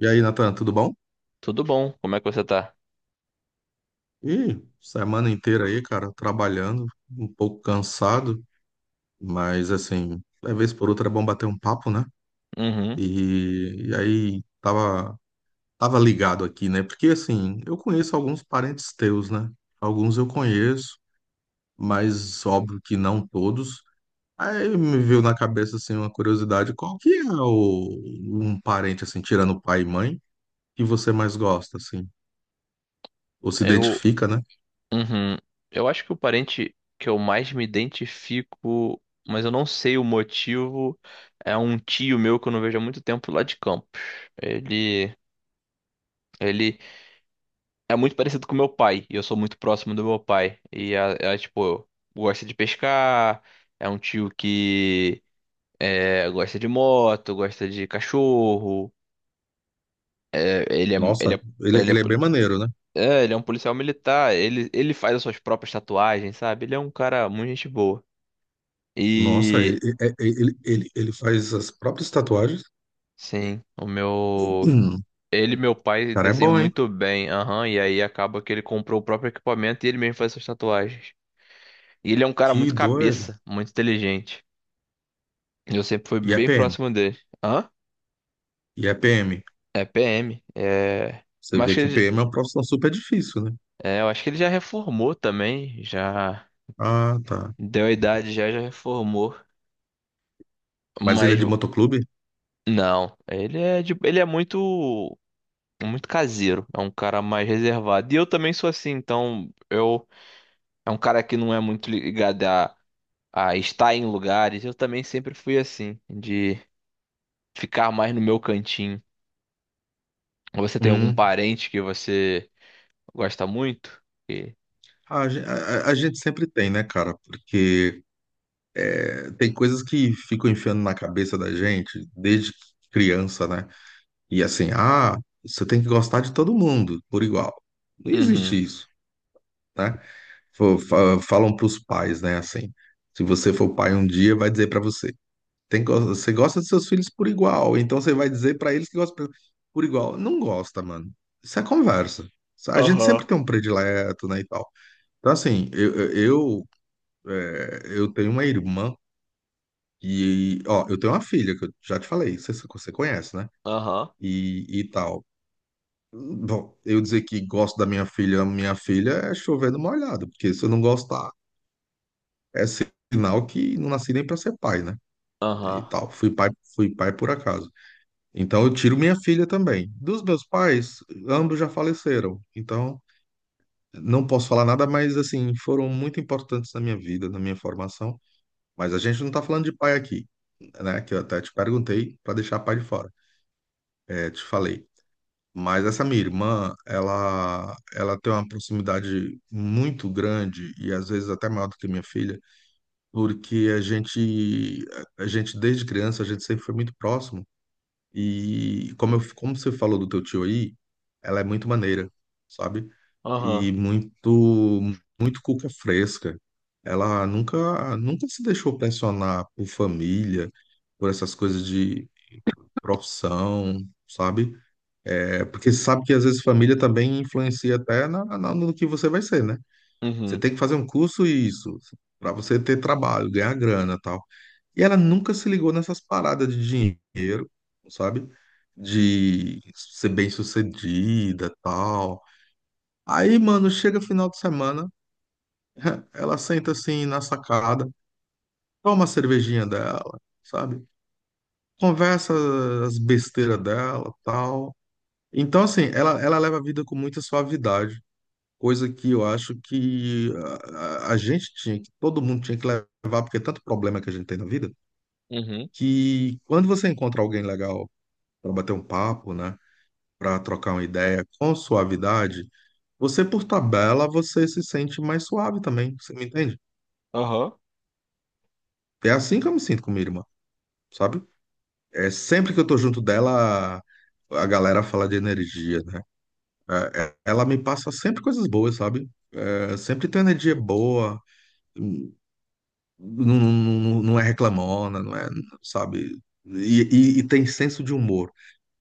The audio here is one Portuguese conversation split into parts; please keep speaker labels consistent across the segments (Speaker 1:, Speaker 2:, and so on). Speaker 1: E aí, Nathan, tudo bom?
Speaker 2: Tudo bom? Como é que você tá?
Speaker 1: Ih, semana inteira aí, cara, trabalhando, um pouco cansado, mas assim, de vez por outra é bom bater um papo, né?
Speaker 2: Uhum.
Speaker 1: E aí, tava ligado aqui, né? Porque assim, eu conheço alguns parentes teus, né? Alguns eu conheço, mas óbvio que não todos. Aí me veio na cabeça, assim, uma curiosidade, qual que é o, um parente, assim, tirando pai e mãe, que você mais gosta, assim? Ou se
Speaker 2: Eu,
Speaker 1: identifica, né?
Speaker 2: uhum. Eu acho que o parente que eu mais me identifico, mas eu não sei o motivo, é um tio meu que eu não vejo há muito tempo lá de Campos. Ele, ele é muito parecido com meu pai, e eu sou muito próximo do meu pai. E tipo, gosta de pescar, é um tio que é, gosta de moto, gosta de cachorro. É, ele é, ele
Speaker 1: Nossa,
Speaker 2: é, ele é
Speaker 1: ele é bem maneiro, né?
Speaker 2: É, ele é um policial militar, ele faz as suas próprias tatuagens, sabe? Ele é um cara muito gente boa.
Speaker 1: Nossa, ele,
Speaker 2: E
Speaker 1: é- é- ele faz as próprias tatuagens.
Speaker 2: sim, o meu.
Speaker 1: O
Speaker 2: Ele e meu pai
Speaker 1: cara é
Speaker 2: desenham
Speaker 1: bom, hein?
Speaker 2: muito bem, aham, e aí acaba que ele comprou o próprio equipamento e ele mesmo faz suas tatuagens. E ele é um cara
Speaker 1: Que
Speaker 2: muito
Speaker 1: doido.
Speaker 2: cabeça, muito inteligente. E eu sempre fui
Speaker 1: E é
Speaker 2: bem
Speaker 1: PM.
Speaker 2: próximo dele. Hã?
Speaker 1: E é PM.
Speaker 2: É PM. É.
Speaker 1: Você
Speaker 2: Mas acho
Speaker 1: vê
Speaker 2: que
Speaker 1: que
Speaker 2: ele...
Speaker 1: PM é uma profissão super difícil, né?
Speaker 2: é, eu acho que ele já reformou também, já
Speaker 1: Ah, tá.
Speaker 2: deu a idade, já reformou.
Speaker 1: Mas ele é
Speaker 2: Mas
Speaker 1: de motoclube?
Speaker 2: não, ele é de, ele é muito caseiro, é um cara mais reservado. E eu também sou assim, então eu é um cara que não é muito ligado a estar em lugares. Eu também sempre fui assim, de ficar mais no meu cantinho. Você tem algum
Speaker 1: Hum.
Speaker 2: parente que você gosta muito? E...
Speaker 1: Ah, a gente sempre tem, né, cara? Porque é, tem coisas que ficam enfiando na cabeça da gente desde criança, né? E assim, ah, você tem que gostar de todo mundo por igual. Não
Speaker 2: Uhum.
Speaker 1: existe isso, né? Falam para os pais, né? Assim, se você for pai um dia, vai dizer para você, você gosta dos seus filhos por igual, então você vai dizer para eles que gosta por igual. Não gosta, mano. Isso é conversa. A gente sempre
Speaker 2: Aham.
Speaker 1: tem um predileto, né, e tal. Então, assim, eu tenho uma irmã e, ó, eu tenho uma filha, que eu já te falei, você conhece, né?
Speaker 2: Aham.
Speaker 1: E tal. Bom, eu dizer que gosto da minha filha é chover no molhado, porque se eu não gostar, é sinal que não nasci nem para ser pai, né? E
Speaker 2: Aham.
Speaker 1: tal. Fui pai por acaso. Então eu tiro minha filha também. Dos meus pais, ambos já faleceram. Então não posso falar nada, mas assim, foram muito importantes na minha vida, na minha formação. Mas a gente não tá falando de pai aqui, né? Que eu até te perguntei para deixar pai de fora. É, te falei. Mas essa minha irmã, ela tem uma proximidade muito grande e às vezes até maior do que minha filha porque a gente desde criança, a gente sempre foi muito próximo. E como, eu, como você falou do teu tio aí, ela é muito maneira, sabe?
Speaker 2: Aham.
Speaker 1: E muito, muito cuca fresca. Ela nunca, nunca se deixou pressionar por família, por essas coisas de profissão, sabe? É, porque sabe que às vezes família também influencia até no que você vai ser, né? Você
Speaker 2: Uhum.
Speaker 1: tem que fazer um curso e isso, para você ter trabalho, ganhar grana, tal. E ela nunca se ligou nessas paradas de dinheiro, sabe? De ser bem-sucedida, tal. Aí, mano, chega final de semana, ela senta assim na sacada, toma a cervejinha dela, sabe? Conversa as besteiras dela, tal. Então, assim, ela leva a vida com muita suavidade. Coisa que eu acho que a gente tinha, que todo mundo tinha que levar, porque é tanto problema que a gente tem na vida,
Speaker 2: Uhum.
Speaker 1: que quando você encontra alguém legal para bater um papo, né, para trocar uma ideia com suavidade, você se sente mais suave também, você me entende?
Speaker 2: Aham.
Speaker 1: É assim que eu me sinto com minha irmã, sabe? É sempre que eu tô junto dela, a galera fala de energia, né? Ela me passa sempre coisas boas, sabe? É, sempre tem energia boa. Hum, não é reclamona, não é, sabe? E, e tem senso de humor.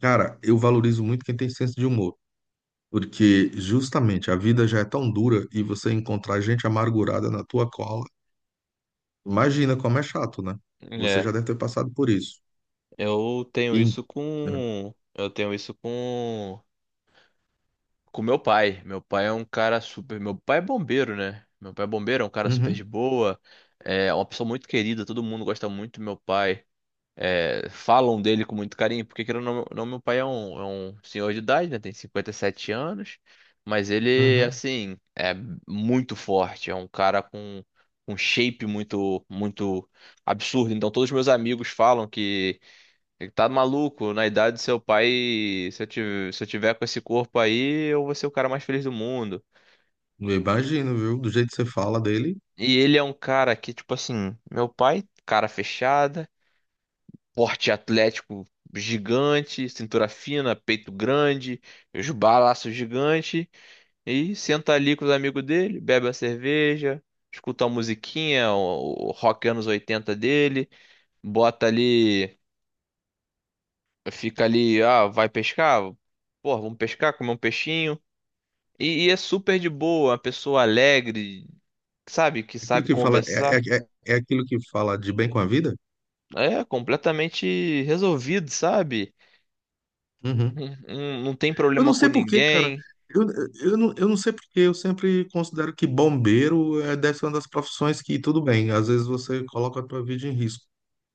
Speaker 1: Cara, eu valorizo muito quem tem senso de humor, porque justamente a vida já é tão dura e você encontrar gente amargurada na tua cola, imagina como é chato, né? Você já
Speaker 2: É,
Speaker 1: deve ter passado por isso. E, é.
Speaker 2: eu tenho isso com meu pai. Meu pai é um cara super. Meu pai é bombeiro, né? Meu pai é bombeiro, é um cara super de
Speaker 1: Uhum,
Speaker 2: boa. É uma pessoa muito querida, todo mundo gosta muito do meu pai. É, falam dele com muito carinho, porque querendo ou não, não, meu pai é um senhor de idade, né? Tem 57 anos, mas ele,
Speaker 1: uhum.
Speaker 2: assim, é muito forte. É um cara com um shape muito absurdo. Então, todos os meus amigos falam que ele tá maluco, na idade do seu pai, se eu tiver com esse corpo aí, eu vou ser o cara mais feliz do mundo.
Speaker 1: Eu imagino, viu? Do jeito que você fala dele,
Speaker 2: E ele é um cara que, tipo assim, meu pai, cara fechada, porte atlético gigante, cintura fina, peito grande, os balaços gigante, e senta ali com os amigos dele, bebe a cerveja, escuta a musiquinha, o rock anos 80 dele, bota ali, fica ali, ah, vai pescar? Pô, vamos pescar, comer um peixinho. E é super de boa, uma pessoa alegre, sabe? Que
Speaker 1: aquilo
Speaker 2: sabe
Speaker 1: que fala é,
Speaker 2: conversar.
Speaker 1: é aquilo que fala de bem com a vida?
Speaker 2: É completamente resolvido, sabe?
Speaker 1: Uhum.
Speaker 2: Não, não tem
Speaker 1: Eu
Speaker 2: problema
Speaker 1: não
Speaker 2: com
Speaker 1: sei por quê, cara.
Speaker 2: ninguém.
Speaker 1: Eu, não, eu não sei por quê. Eu sempre considero que bombeiro é, deve ser uma das profissões que tudo bem. Às vezes você coloca a tua vida em risco.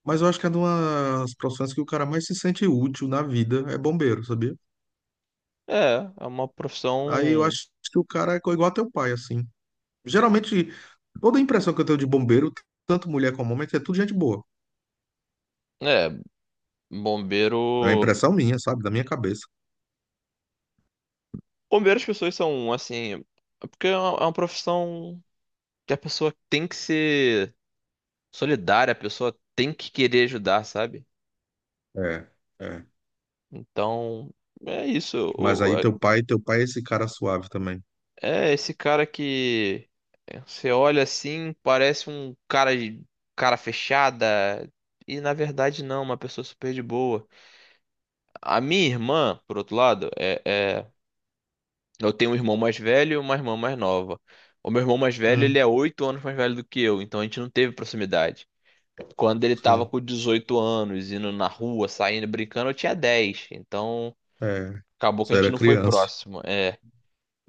Speaker 1: Mas eu acho que é uma das profissões que o cara mais se sente útil na vida é bombeiro, sabia?
Speaker 2: É, é uma
Speaker 1: Aí eu
Speaker 2: profissão.
Speaker 1: acho que o cara é igual a teu pai, assim. Geralmente, toda a impressão que eu tenho de bombeiro, tanto mulher como homem, é que é tudo gente boa.
Speaker 2: É,
Speaker 1: É a
Speaker 2: bombeiro.
Speaker 1: impressão minha, sabe? Da minha cabeça.
Speaker 2: Bombeiro as pessoas são assim. É. Porque é uma profissão que a pessoa tem que ser solidária, a pessoa tem que querer ajudar, sabe?
Speaker 1: É, é.
Speaker 2: Então, é isso.
Speaker 1: Mas aí teu pai é esse cara suave também.
Speaker 2: É, esse cara que você olha assim, parece um cara de cara fechada, e na verdade não, uma pessoa super de boa. A minha irmã, por outro lado, é, é- eu tenho um irmão mais velho e uma irmã mais nova. O meu irmão mais velho, ele
Speaker 1: Hum,
Speaker 2: é 8 anos mais velho do que eu, então a gente não teve proximidade. Quando ele tava
Speaker 1: sim.
Speaker 2: com 18 anos, indo na rua, saindo, brincando, eu tinha 10. Então
Speaker 1: É.
Speaker 2: acabou que
Speaker 1: Você
Speaker 2: a gente
Speaker 1: era
Speaker 2: não foi
Speaker 1: criança.
Speaker 2: próximo. É.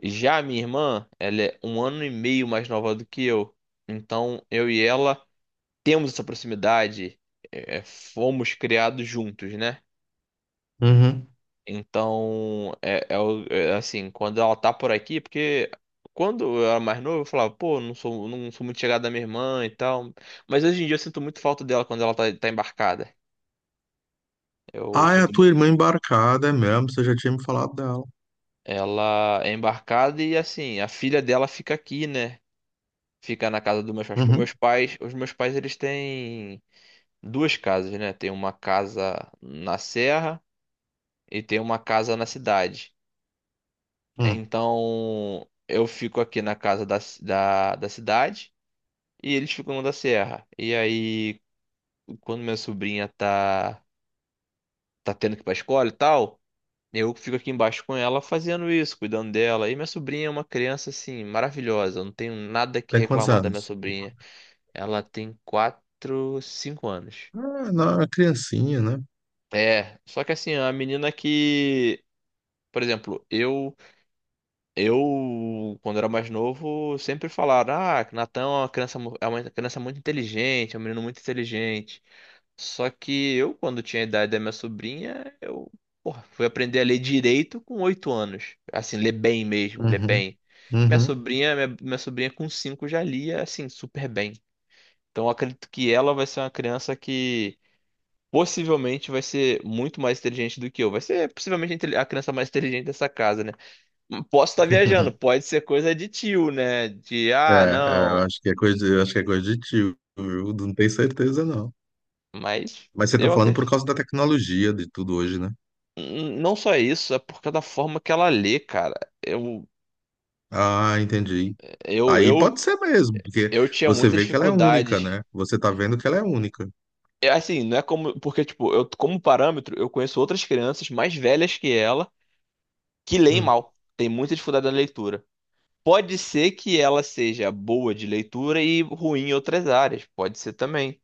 Speaker 2: Já a minha irmã, ela é um ano e meio mais nova do que eu. Então, eu e ela temos essa proximidade, é, é, fomos criados juntos, né?
Speaker 1: Uhum.
Speaker 2: Então, é, é o- é assim, quando ela tá por aqui, porque quando eu era mais novo, eu falava, pô, não sou muito chegada da minha irmã e tal. Mas hoje em dia eu sinto muito falta dela quando ela tá embarcada. Eu
Speaker 1: Ah, é a
Speaker 2: sinto
Speaker 1: tua
Speaker 2: muito
Speaker 1: irmã
Speaker 2: essa.
Speaker 1: embarcada, é mesmo? Você já tinha me falado dela.
Speaker 2: Ela é embarcada e assim, a filha dela fica aqui, né? Fica na casa dos meus pais. Para
Speaker 1: Uhum.
Speaker 2: meus pais, os meus pais eles têm duas casas, né? Tem uma casa na serra e tem uma casa na cidade.
Speaker 1: Hum.
Speaker 2: Então eu fico aqui na casa da cidade e eles ficam na da serra. E aí, quando minha sobrinha tá tendo que ir pra escola e tal. Eu fico aqui embaixo com ela fazendo isso, cuidando dela. E minha sobrinha é uma criança assim, maravilhosa. Eu não tenho nada que
Speaker 1: Tem quantos
Speaker 2: reclamar da minha
Speaker 1: anos?
Speaker 2: sobrinha. Ela tem quatro, cinco anos.
Speaker 1: Ah, não, era criancinha, né?
Speaker 2: É, só que assim, a menina que, por exemplo, eu quando era mais novo, sempre falaram: "Ah, que Natan é uma é uma criança muito inteligente, é um menino muito inteligente". Só que eu quando tinha a idade da minha sobrinha, eu, porra, fui aprender a ler direito com 8 anos. Assim, ler bem mesmo, ler
Speaker 1: Uhum.
Speaker 2: bem.
Speaker 1: Uhum.
Speaker 2: Minha sobrinha com cinco já lia assim super bem. Então eu acredito que ela vai ser uma criança que possivelmente vai ser muito mais inteligente do que eu. Vai ser possivelmente a criança mais inteligente dessa casa, né? Posso estar viajando, pode ser coisa de tio, né? De
Speaker 1: É,
Speaker 2: ah, não.
Speaker 1: eu acho que é coisa de tio, viu? Não tenho certeza, não.
Speaker 2: Mas
Speaker 1: Mas você tá
Speaker 2: eu
Speaker 1: falando
Speaker 2: acre-
Speaker 1: por causa da tecnologia de tudo hoje, né?
Speaker 2: Não só isso, é por causa da forma que ela lê, cara. Eu
Speaker 1: Ah, entendi.
Speaker 2: eu
Speaker 1: Aí
Speaker 2: eu,
Speaker 1: pode ser mesmo, porque
Speaker 2: eu tinha
Speaker 1: você
Speaker 2: muita
Speaker 1: vê que ela é única,
Speaker 2: dificuldade.
Speaker 1: né? Você tá vendo que ela é única.
Speaker 2: É assim, não é como porque tipo, eu como parâmetro, eu conheço outras crianças mais velhas que ela que leem
Speaker 1: Hum.
Speaker 2: mal. Tem muita dificuldade na leitura. Pode ser que ela seja boa de leitura e ruim em outras áreas, pode ser também.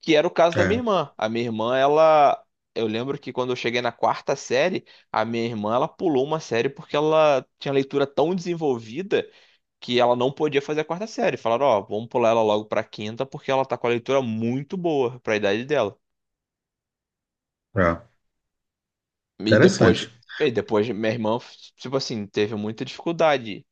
Speaker 2: Que era o caso da minha
Speaker 1: É,
Speaker 2: irmã. A minha irmã, ela. Eu lembro que quando eu cheguei na quarta série, a minha irmã, ela pulou uma série porque ela tinha leitura tão desenvolvida que ela não podia fazer a quarta série. Falaram, ó, vamos pular ela logo pra quinta porque ela tá com a leitura muito boa pra idade dela.
Speaker 1: é.
Speaker 2: E depois,
Speaker 1: Interessante.
Speaker 2: minha irmã, tipo assim, teve muita dificuldade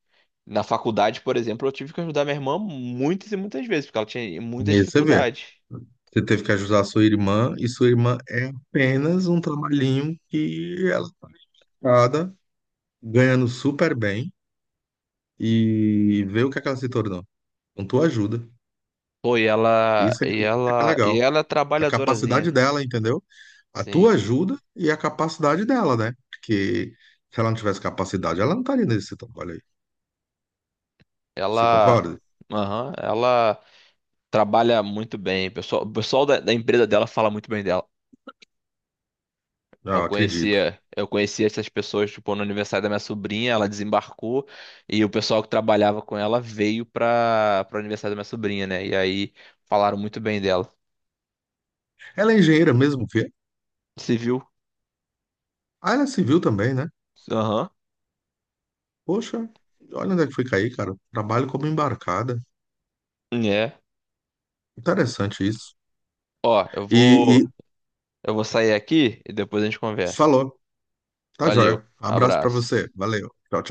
Speaker 2: na faculdade, por exemplo, eu tive que ajudar minha irmã muitas e muitas vezes, porque ela tinha muita
Speaker 1: E aí você vê.
Speaker 2: dificuldade.
Speaker 1: Você teve que ajudar sua irmã, e sua irmã é apenas um trabalhinho que ela tá ligada, ganhando super bem, e vê o que é que ela se tornou. Com tua ajuda.
Speaker 2: Pô,
Speaker 1: Isso é que é
Speaker 2: e
Speaker 1: legal.
Speaker 2: ela é
Speaker 1: A
Speaker 2: trabalhadorazinha.
Speaker 1: capacidade dela, entendeu? A tua
Speaker 2: Sim.
Speaker 1: ajuda e a capacidade dela, né? Porque se ela não tivesse capacidade, ela não estaria nesse trabalho aí. Você
Speaker 2: Ela,
Speaker 1: concorda?
Speaker 2: aham, ela trabalha muito bem. O pessoal da empresa dela fala muito bem dela.
Speaker 1: Ah, eu acredito.
Speaker 2: Eu conhecia essas pessoas, tipo, no aniversário da minha sobrinha, ela desembarcou e o pessoal que trabalhava com ela veio para o aniversário da minha sobrinha, né? E aí falaram muito bem dela.
Speaker 1: Ela é engenheira mesmo, filha.
Speaker 2: Civil. Viu?
Speaker 1: Ah, ela é civil também, né?
Speaker 2: Aham.
Speaker 1: Poxa, olha onde é que foi cair, cara. Trabalho como embarcada.
Speaker 2: É.
Speaker 1: Interessante isso.
Speaker 2: Ó,
Speaker 1: E
Speaker 2: eu vou sair aqui e depois a gente conversa.
Speaker 1: falou. Tá
Speaker 2: Valeu,
Speaker 1: joia. Abraço pra você.
Speaker 2: abraço.
Speaker 1: Valeu. Tchau, tchau.